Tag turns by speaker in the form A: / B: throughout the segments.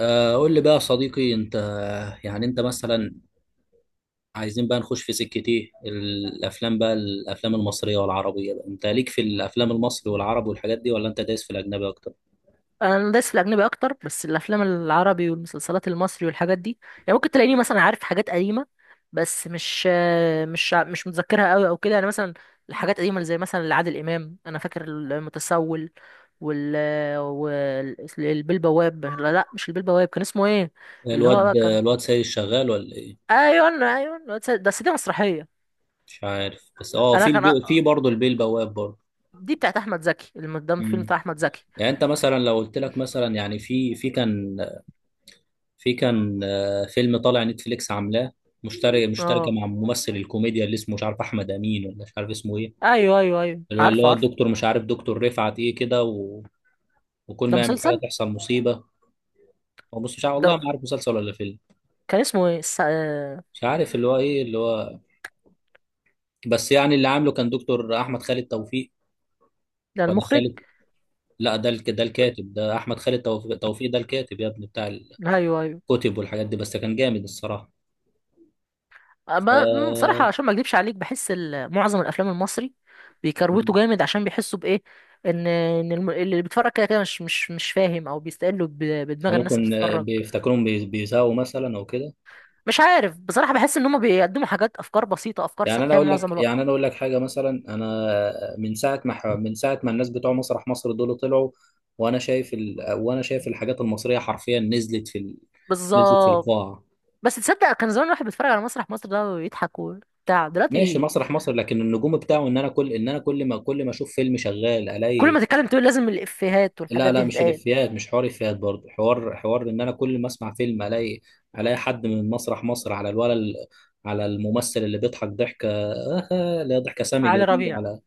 A: قول لي بقى يا صديقي انت. يعني انت مثلا عايزين بقى نخش في سكة ايه الافلام بقى الافلام المصرية والعربية بقى. انت ليك في الافلام المصري والعرب والحاجات دي ولا انت دايس في الاجنبي اكتر؟
B: انا دايس في الاجنبي اكتر، بس الافلام العربي والمسلسلات المصري والحاجات دي يعني ممكن تلاقيني مثلا عارف حاجات قديمه، بس مش متذكرها قوي او كده. يعني مثلا الحاجات القديمه اللي زي مثلا لعادل امام انا فاكر المتسول وال والبيه البواب. لا، مش البيه البواب، كان اسمه ايه؟ اللي هو بقى
A: الواد
B: كان.
A: الواد سيد شغال ولا ايه؟
B: ايوه، ايوه، بس دي مسرحيه.
A: مش عارف، بس اه
B: انا
A: في
B: كان
A: البي... في
B: أ-
A: برضه البيه بواب برضه.
B: دي بتاعت احمد زكي، المقدم فيلم
A: مم.
B: بتاع احمد زكي.
A: يعني انت مثلا لو قلت لك مثلا يعني في كان، في كان فيلم طالع نتفليكس عاملاه، مشتركة
B: اه،
A: مع ممثل الكوميديا اللي اسمه مش عارف احمد امين ولا مش عارف اسمه ايه.
B: ايوه،
A: اللي
B: عارفه
A: هو
B: عارفه
A: الدكتور مش عارف دكتور رفعت ايه كده و... وكل
B: ده
A: ما يعمل حاجه
B: مسلسل.
A: تحصل مصيبه. هو بص، مش عارف
B: ده
A: والله، ما عارف مسلسل ولا فيلم.
B: كان اسمه ايه الس...؟
A: مش عارف اللي هو ايه اللي هو، بس يعني اللي عامله كان دكتور احمد خالد توفيق.
B: ده
A: ولا
B: المخرج.
A: خالد، لا ده الك... ده الكاتب، ده احمد خالد توفيق, توفيق ده الكاتب يا ابني، بتاع
B: ايوه ايوه.
A: الكتب والحاجات دي، بس كان جامد الصراحه.
B: أما-
A: ف...
B: أمم، صراحه، عشان ما اكذبش عليك، بحس معظم الافلام المصري بيكروتوا جامد، عشان بيحسوا بايه، ان اللي بيتفرج كده كده مش فاهم، او بيستقلوا
A: او
B: بدماغ الناس اللي
A: ممكن
B: بتتفرج.
A: بيفتكرهم بيساووا مثلا او كده.
B: مش عارف بصراحه، بحس ان هم بيقدموا حاجات، افكار بسيطه، افكار
A: يعني انا
B: سطحيه
A: اقول
B: معظم
A: لك،
B: الوقت.
A: يعني انا اقول لك حاجه مثلا، انا من ساعه ما من ساعه ما الناس بتوع مسرح مصر دول طلعوا، وانا شايف ال... وانا شايف الحاجات المصريه حرفيا نزلت في ال... نزلت في
B: بالظبط.
A: القاع.
B: بس تصدق كان زمان الواحد بيتفرج على مسرح مصر ده ويضحك وبتاع،
A: ماشي
B: دلوقتي
A: مسرح مصر، لكن النجوم بتاعه ان انا كل ان انا كل ما كل ما اشوف فيلم شغال
B: كل
A: الاقي.
B: ما تتكلم تقول لازم الافيهات
A: لا
B: والحاجات دي
A: لا مش
B: تتقال.
A: الافيهات، مش حوار افيهات برضه، حوار ان انا كل ما اسمع فيلم الاقي، الاقي حد من مسرح مصر على الولد، على الممثل اللي بيضحك ضحكه لا ضحكه سامجه
B: علي
A: دي،
B: ربيع.
A: على...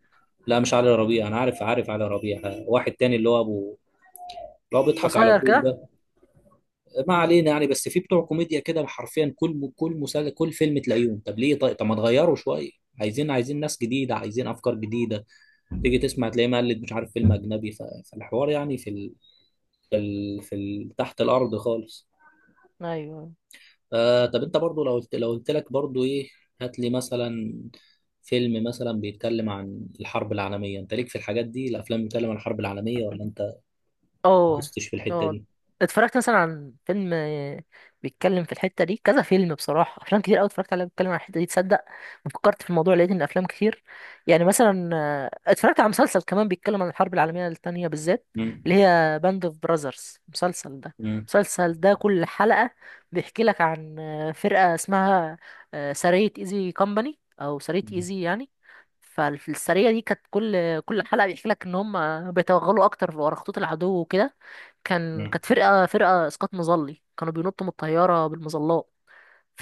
A: لا مش علي ربيع، انا عارف، عارف علي ربيع، واحد تاني اللي هو ابو، اللي هو بيضحك على
B: قصير
A: طول
B: كده.
A: ده. ما علينا يعني. بس في بتوع كوميديا كده حرفيا كل، كل مسلسل كل فيلم تلاقيهم. طب ليه؟ طيب طب ما تغيروا شويه، عايزين ناس جديده، عايزين افكار جديده. تيجي تسمع تلاقيه مقلد مش عارف فيلم اجنبي فالحوار يعني في ال... في ال... في ال... تحت الارض خالص.
B: ايوه.
A: آه طب انت برضو لو قلت لك برضو ايه، هات لي مثلا فيلم مثلا بيتكلم عن الحرب العالميه. انت ليك في الحاجات دي الافلام بتتكلم عن الحرب العالميه ولا انت
B: اه.
A: دوستش في الحتة
B: اه،
A: دي؟
B: اتفرجت مثلا عن فيلم، بيتكلم في الحتة دي، كذا فيلم بصراحة، أفلام كتير أوي اتفرجت عليها بيتكلم عن الحتة دي. تصدق ما فكرت في الموضوع، لقيت إن أفلام كتير. يعني مثلا اتفرجت على مسلسل كمان بيتكلم عن الحرب العالمية التانية بالذات،
A: مم.
B: اللي هي باند اوف براذرز، المسلسل ده.
A: مم.
B: المسلسل ده كل حلقة بيحكي لك عن فرقة اسمها، سرية ايزي كومباني، أو سرية
A: مم.
B: ايزي يعني. فالسرية دي كانت كل حلقة بيحكي لك ان هم بيتوغلوا اكتر ورا خطوط العدو وكده.
A: مم.
B: كانت فرقة، فرقة اسقاط مظلي، كانوا بينطوا من الطيارة بالمظلات.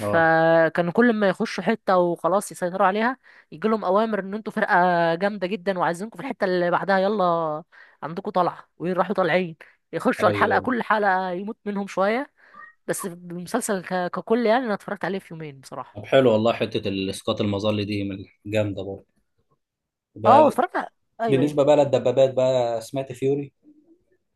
A: اه.
B: كل ما يخشوا حتة وخلاص يسيطروا عليها، يجي لهم اوامر ان انتوا فرقة جامدة جدا، وعايزينكم في الحتة اللي بعدها، يلا عندكم طلعة، ويروحوا طالعين يخشوا الحلقة.
A: ايوه.
B: كل حلقة يموت منهم شوية. بس المسلسل ككل، يعني انا اتفرجت عليه في يومين بصراحة.
A: طب حلو والله، حتة الاسقاط المظلي دي من جامدة برضه.
B: اه،
A: ب-.
B: ايوه، أيوة.
A: بالنسبة بقى للدبابات بقى، سمعت فيوري؟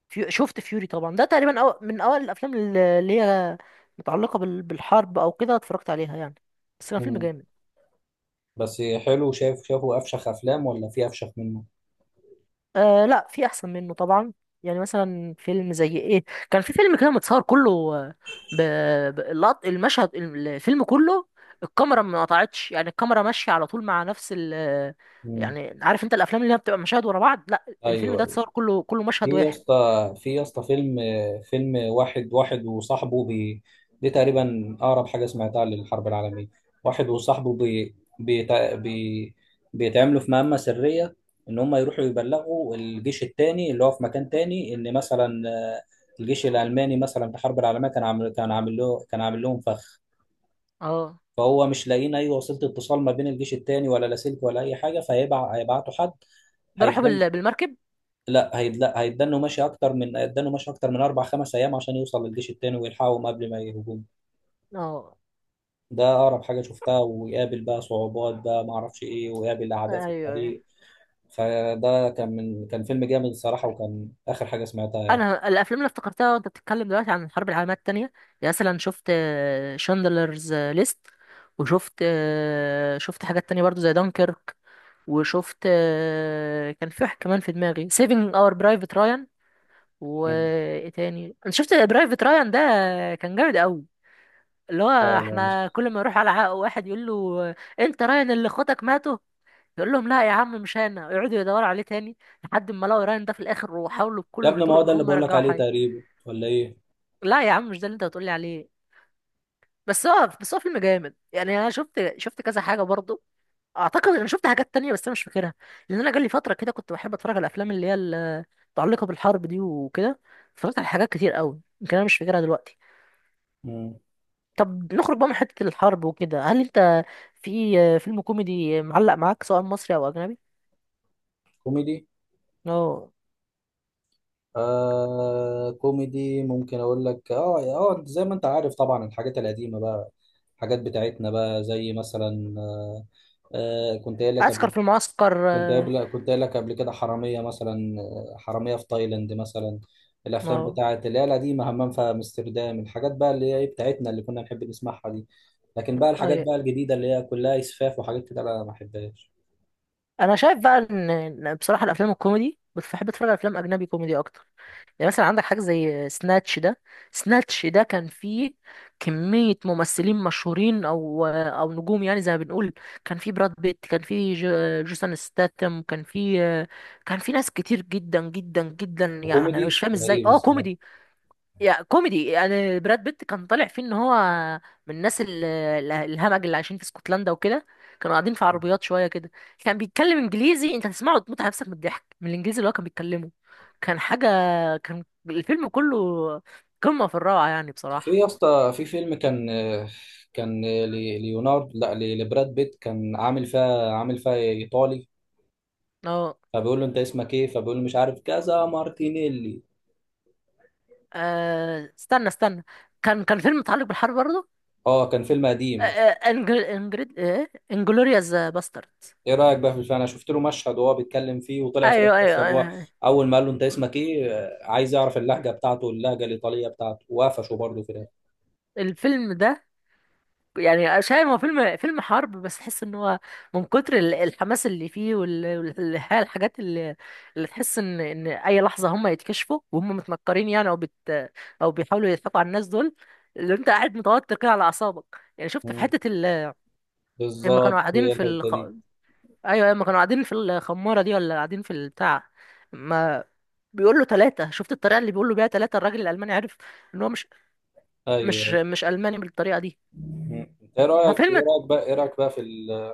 B: شفت فيوري طبعا، ده تقريبا من اوائل الافلام اللي هي متعلقه بالحرب او كده، اتفرجت عليها يعني. بس كان فيلم
A: مم.
B: جامد.
A: بس حلو، شايف شافه افشخ افلام ولا في افشخ منه؟
B: آه لا، في احسن منه طبعا. يعني مثلا فيلم زي ايه، كان في فيلم كده متصور كله، ب... المشهد، الفيلم كله الكاميرا ما قطعتش، يعني الكاميرا ماشيه على طول مع نفس ال
A: مم.
B: يعني عارف انت الافلام اللي هي بتبقى مشاهد ورا بعض، لا الفيلم ده
A: ايوه.
B: اتصور كله، كله
A: في
B: مشهد
A: يا
B: واحد.
A: اسطى، في يا اسطى فيلم، فيلم واحد وصاحبه بي، دي تقريبا اقرب حاجه سمعتها للحرب العالميه. واحد وصاحبه بي بيتع- بي بيتعملوا في مهمه سريه، ان هم يروحوا يبلغوا الجيش التاني اللي هو في مكان تاني، ان مثلا الجيش الالماني مثلا في الحرب العالميه كان عامل لهم فخ.
B: اه.
A: فهو مش لاقيين اي وسيله اتصال ما بين الجيش التاني، ولا لاسلكي ولا اي حاجه، فهيبعتوا حد.
B: ده راحوا بالمركب.
A: لا هي، لا هيدنوا ماشي اكتر من هيدنوا ماشي اكتر من اربع خمس ايام عشان يوصل للجيش التاني ويلحقهم قبل ما يهجوم.
B: اه.
A: ده اقرب حاجه شفتها. ويقابل بقى صعوبات بقى، ما اعرفش ايه، ويقابل اعداء
B: ايوه،
A: في
B: أيوه.
A: الطريق. فده كان كان فيلم جامد الصراحه، وكان اخر حاجه سمعتها يعني.
B: انا الافلام اللي افتكرتها وانت بتتكلم دلوقتي عن الحرب العالميه الثانيه، يعني مثلا شفت شاندلرز ليست، وشفت شفت حاجات تانية برضو زي دانكيرك، وشفت كان في واحد كمان في دماغي، سيفينج اور برايفت رايان.
A: مم.
B: وايه تاني؟ انا شفت برايفت رايان ده، كان جامد قوي. اللي هو
A: لا لا
B: احنا
A: مش-.
B: كل ما يروح على عائق واحد يقول له، انت رايان اللي اخواتك ماتوا، يقول لهم لا يا عم مش انا، يقعدوا يدوروا عليه تاني، لحد ما لقوا رايان ده في الاخر، وحاولوا
A: يا
B: بكل
A: ابني ما
B: الطرق
A: هو ده
B: ان
A: اللي
B: هم
A: بقول لك
B: يرجعوا
A: عليه
B: حي.
A: تقريبا ولا ايه؟
B: لا يا عم مش ده اللي انت بتقولي عليه. بس هو فيلم جامد يعني. انا شفت كذا حاجه برضه، اعتقد انا شفت حاجات تانية بس انا مش فاكرها، لان انا جالي فتره كده كنت بحب اتفرج على الافلام اللي هي متعلقه بالحرب دي وكده، اتفرجت على حاجات كتير قوي يمكن انا مش فاكرها دلوقتي.
A: مم.
B: طب نخرج بقى من حته الحرب وكده، هل انت في فيلم كوميدي معلق معاك، سواء مصري او اجنبي؟
A: كوميدي؟
B: اه.
A: آه كوميدي، ممكن اقول لك اه اه، زي ما انت عارف طبعا الحاجات القديمه بقى، الحاجات بتاعتنا بقى، زي مثلا آه كنت قايل لك
B: عسكر
A: قبل،
B: في المعسكر، اه،
A: كنت قايل لك قبل كده حرامية مثلا، حرامية في تايلاند مثلا، الأفلام
B: آه،
A: بتاعت اللي هي القديمة، همام في أمستردام، الحاجات بقى اللي هي إيه بتاعتنا اللي كنا نحب نسمعها دي. لكن بقى الحاجات بقى
B: أيوة.
A: الجديدة اللي هي كلها إسفاف وحاجات كده أنا ما بحبهاش.
B: انا شايف بقى ان إن بصراحه الافلام الكوميدي، بس بحب اتفرج على افلام اجنبي كوميدي اكتر. يعني مثلا عندك حاجه زي سناتش ده، سناتش ده كان فيه كميه ممثلين مشهورين او او نجوم يعني زي ما بنقول. كان فيه براد بيت، كان فيه جوسون ستاتم، كان فيه، كان فيه ناس كتير جدا جدا جدا، يعني انا مش
A: وكوميدي
B: فاهم ازاي
A: غريب
B: اه
A: الصراحة.
B: كوميدي. يا كوميدي، انا براد بيت كان طالع فيه ان هو من الناس الهمج اللي عايشين في اسكتلندا وكده، كانوا قاعدين في عربيات شويه كده، كان بيتكلم انجليزي، انت هتسمعه وتموت على نفسك من الضحك من الانجليزي اللي هو كان بيتكلمه. كان حاجه، كان الفيلم كله قمه في الروعه يعني
A: في
B: بصراحه.
A: يا اسطى، في فيلم كان كان ليوناردو لا ل- لبراد بيت، كان عامل فيها إيطالي.
B: اه.
A: فبيقول له أنت اسمك إيه، فبيقول له مش عارف كذا مارتينيلي.
B: استنى كان كان فيلم متعلق بالحرب برضه.
A: اه كان فيلم قديم.
B: انجل انجريد ايه انجلوريوس باسترد.
A: ايه رايك بقى في الفيلم؟ انا شفت له مشهد وهو بيتكلم فيه، وطلع في الاخر
B: ايوه ايوه
A: اصلا هو
B: ايوه
A: اول ما قال له انت اسمك ايه، عايز يعرف اللهجه بتاعته، اللهجه الايطاليه بتاعته، وقفشه برضه في الاخر.
B: الفيلم ده، يعني مش عارف، هو فيلم، فيلم حرب، بس تحس ان هو من كتر الحماس اللي فيه والحاجات اللي، اللي تحس ان ان اي لحظه هم يتكشفوا وهم متنكرين، يعني او بيحاولوا يضحكوا على الناس دول، اللي انت قاعد متوتر كده على اعصابك. يعني شفت في
A: مم.
B: حته ال... لما كانوا
A: بالظبط
B: قاعدين
A: هي
B: في
A: الحته
B: الخ...
A: دي.
B: ايوه لما كانوا قاعدين في الخماره دي، ولا قاعدين في البتاع، ما بيقول له ثلاثه، شفت الطريقه اللي بيقول له بيها ثلاثه، الراجل الالماني عرف ان هو مش مش
A: ايوه.
B: مش الماني بالطريقه دي.
A: مم.
B: ففيلم،
A: ايه رايك بقى في ال...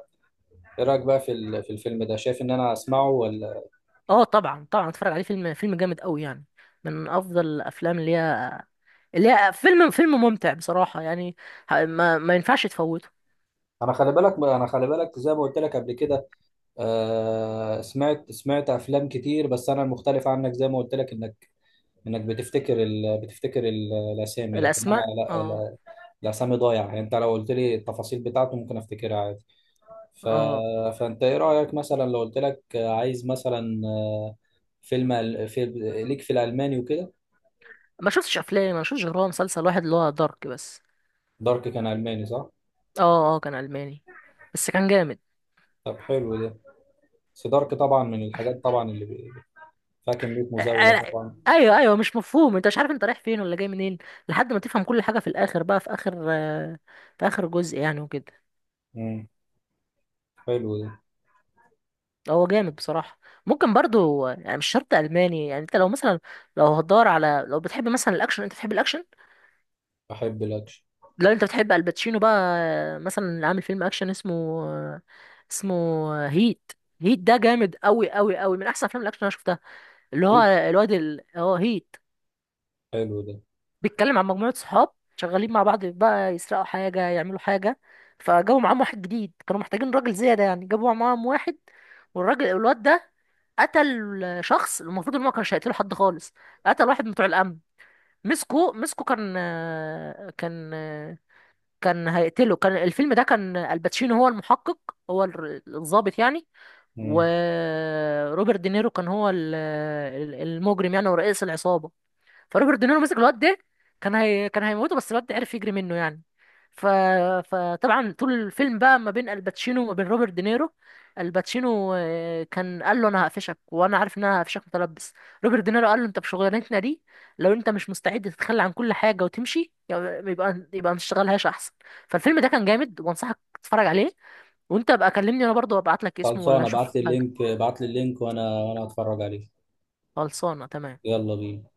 A: في الفيلم ده، شايف ان انا اسمعه ولا؟
B: اه طبعا طبعا اتفرج عليه، فيلم، فيلم جامد قوي يعني، من افضل الافلام اللي هي، اللي هي، فيلم، فيلم ممتع بصراحة يعني، ما ينفعش تفوته.
A: انا خلي بالك زي ما قلت لك قبل كده، آه... سمعت افلام كتير، بس انا المختلف عنك زي ما قلت لك، انك بتفتكر ال... بتفتكر ال... الاسامي، لكن انا
B: الاسماء، اه.
A: لا. الاسامي ضايعه يعني. انت لو قلت لي التفاصيل بتاعته ممكن افتكرها عادي. ف...
B: اه،
A: فانت ايه رايك مثلا لو قلت لك عايز مثلا فيلم ال- في... ليك في الالماني وكده؟
B: ما شفتش افلام، ما شفتش غير هو مسلسل واحد اللي هو دارك بس.
A: دارك كان الماني صح؟
B: اه، اه كان الماني، بس كان جامد.
A: طب حلو ده. بس دارك طبعا من الحاجات طبعا اللي فيها كميه
B: آه،
A: مزاوله
B: آه،
A: طبعا.
B: ايوه ايوه، مش مفهوم، انت مش عارف انت رايح فين ولا جاي منين، لحد ما تفهم كل حاجة في الاخر بقى، في اخر في اخر جزء يعني وكده.
A: امم. حلو ده.
B: هو جامد بصراحة. ممكن برضو، يعني مش شرط ألماني، يعني انت لو مثلا، لو هتدور على، لو بتحب مثلا الأكشن، انت بتحب الأكشن؟
A: بحب الاكشن.
B: لو انت بتحب الباتشينو بقى، مثلا اللي عامل فيلم أكشن اسمه، اسمه، هيت. هيت ده جامد أوي أوي أوي، من أحسن أفلام الأكشن اللي أنا شفتها. اللي هو
A: ايه؟
B: الواد ال... هو هيت،
A: حلو ده.
B: بيتكلم عن مجموعة صحاب شغالين مع بعض بقى، يسرقوا حاجة، يعملوا حاجة، فجابوا معاهم واحد جديد، كانوا محتاجين راجل زيادة يعني، جابوا معاهم واحد. والراجل الواد ده قتل شخص، المفروض ان هو كانش هيقتله حد خالص. قتل واحد من بتوع الامن، مسكه، كان كان هيقتله. كان الفيلم ده كان الباتشينو هو المحقق، هو الضابط يعني.
A: امم.
B: وروبرت دينيرو كان هو المجرم يعني، ورئيس العصابة. فروبرت دينيرو مسك الواد ده، كان هيموته، بس الواد ده عرف يجري منه يعني. ف... فطبعا طول الفيلم بقى ما بين الباتشينو وما بين روبرت دينيرو، الباتشينو كان قال له انا هقفشك، وانا عارف ان انا هقفشك متلبس. روبرت دينيرو قال له انت بشغلانتنا دي، لو انت مش مستعد تتخلى عن كل حاجه وتمشي، يبقى يبقى ما تشتغلهاش احسن. فالفيلم ده كان جامد وانصحك تتفرج عليه. وانت بقى كلمني انا برضه وابعت لك اسمه، ولا
A: خلصانه،
B: اشوف حاجه.
A: ابعت لي اللينك وانا، وانا هتفرج عليه.
B: خلصانه تمام.
A: يلا بينا.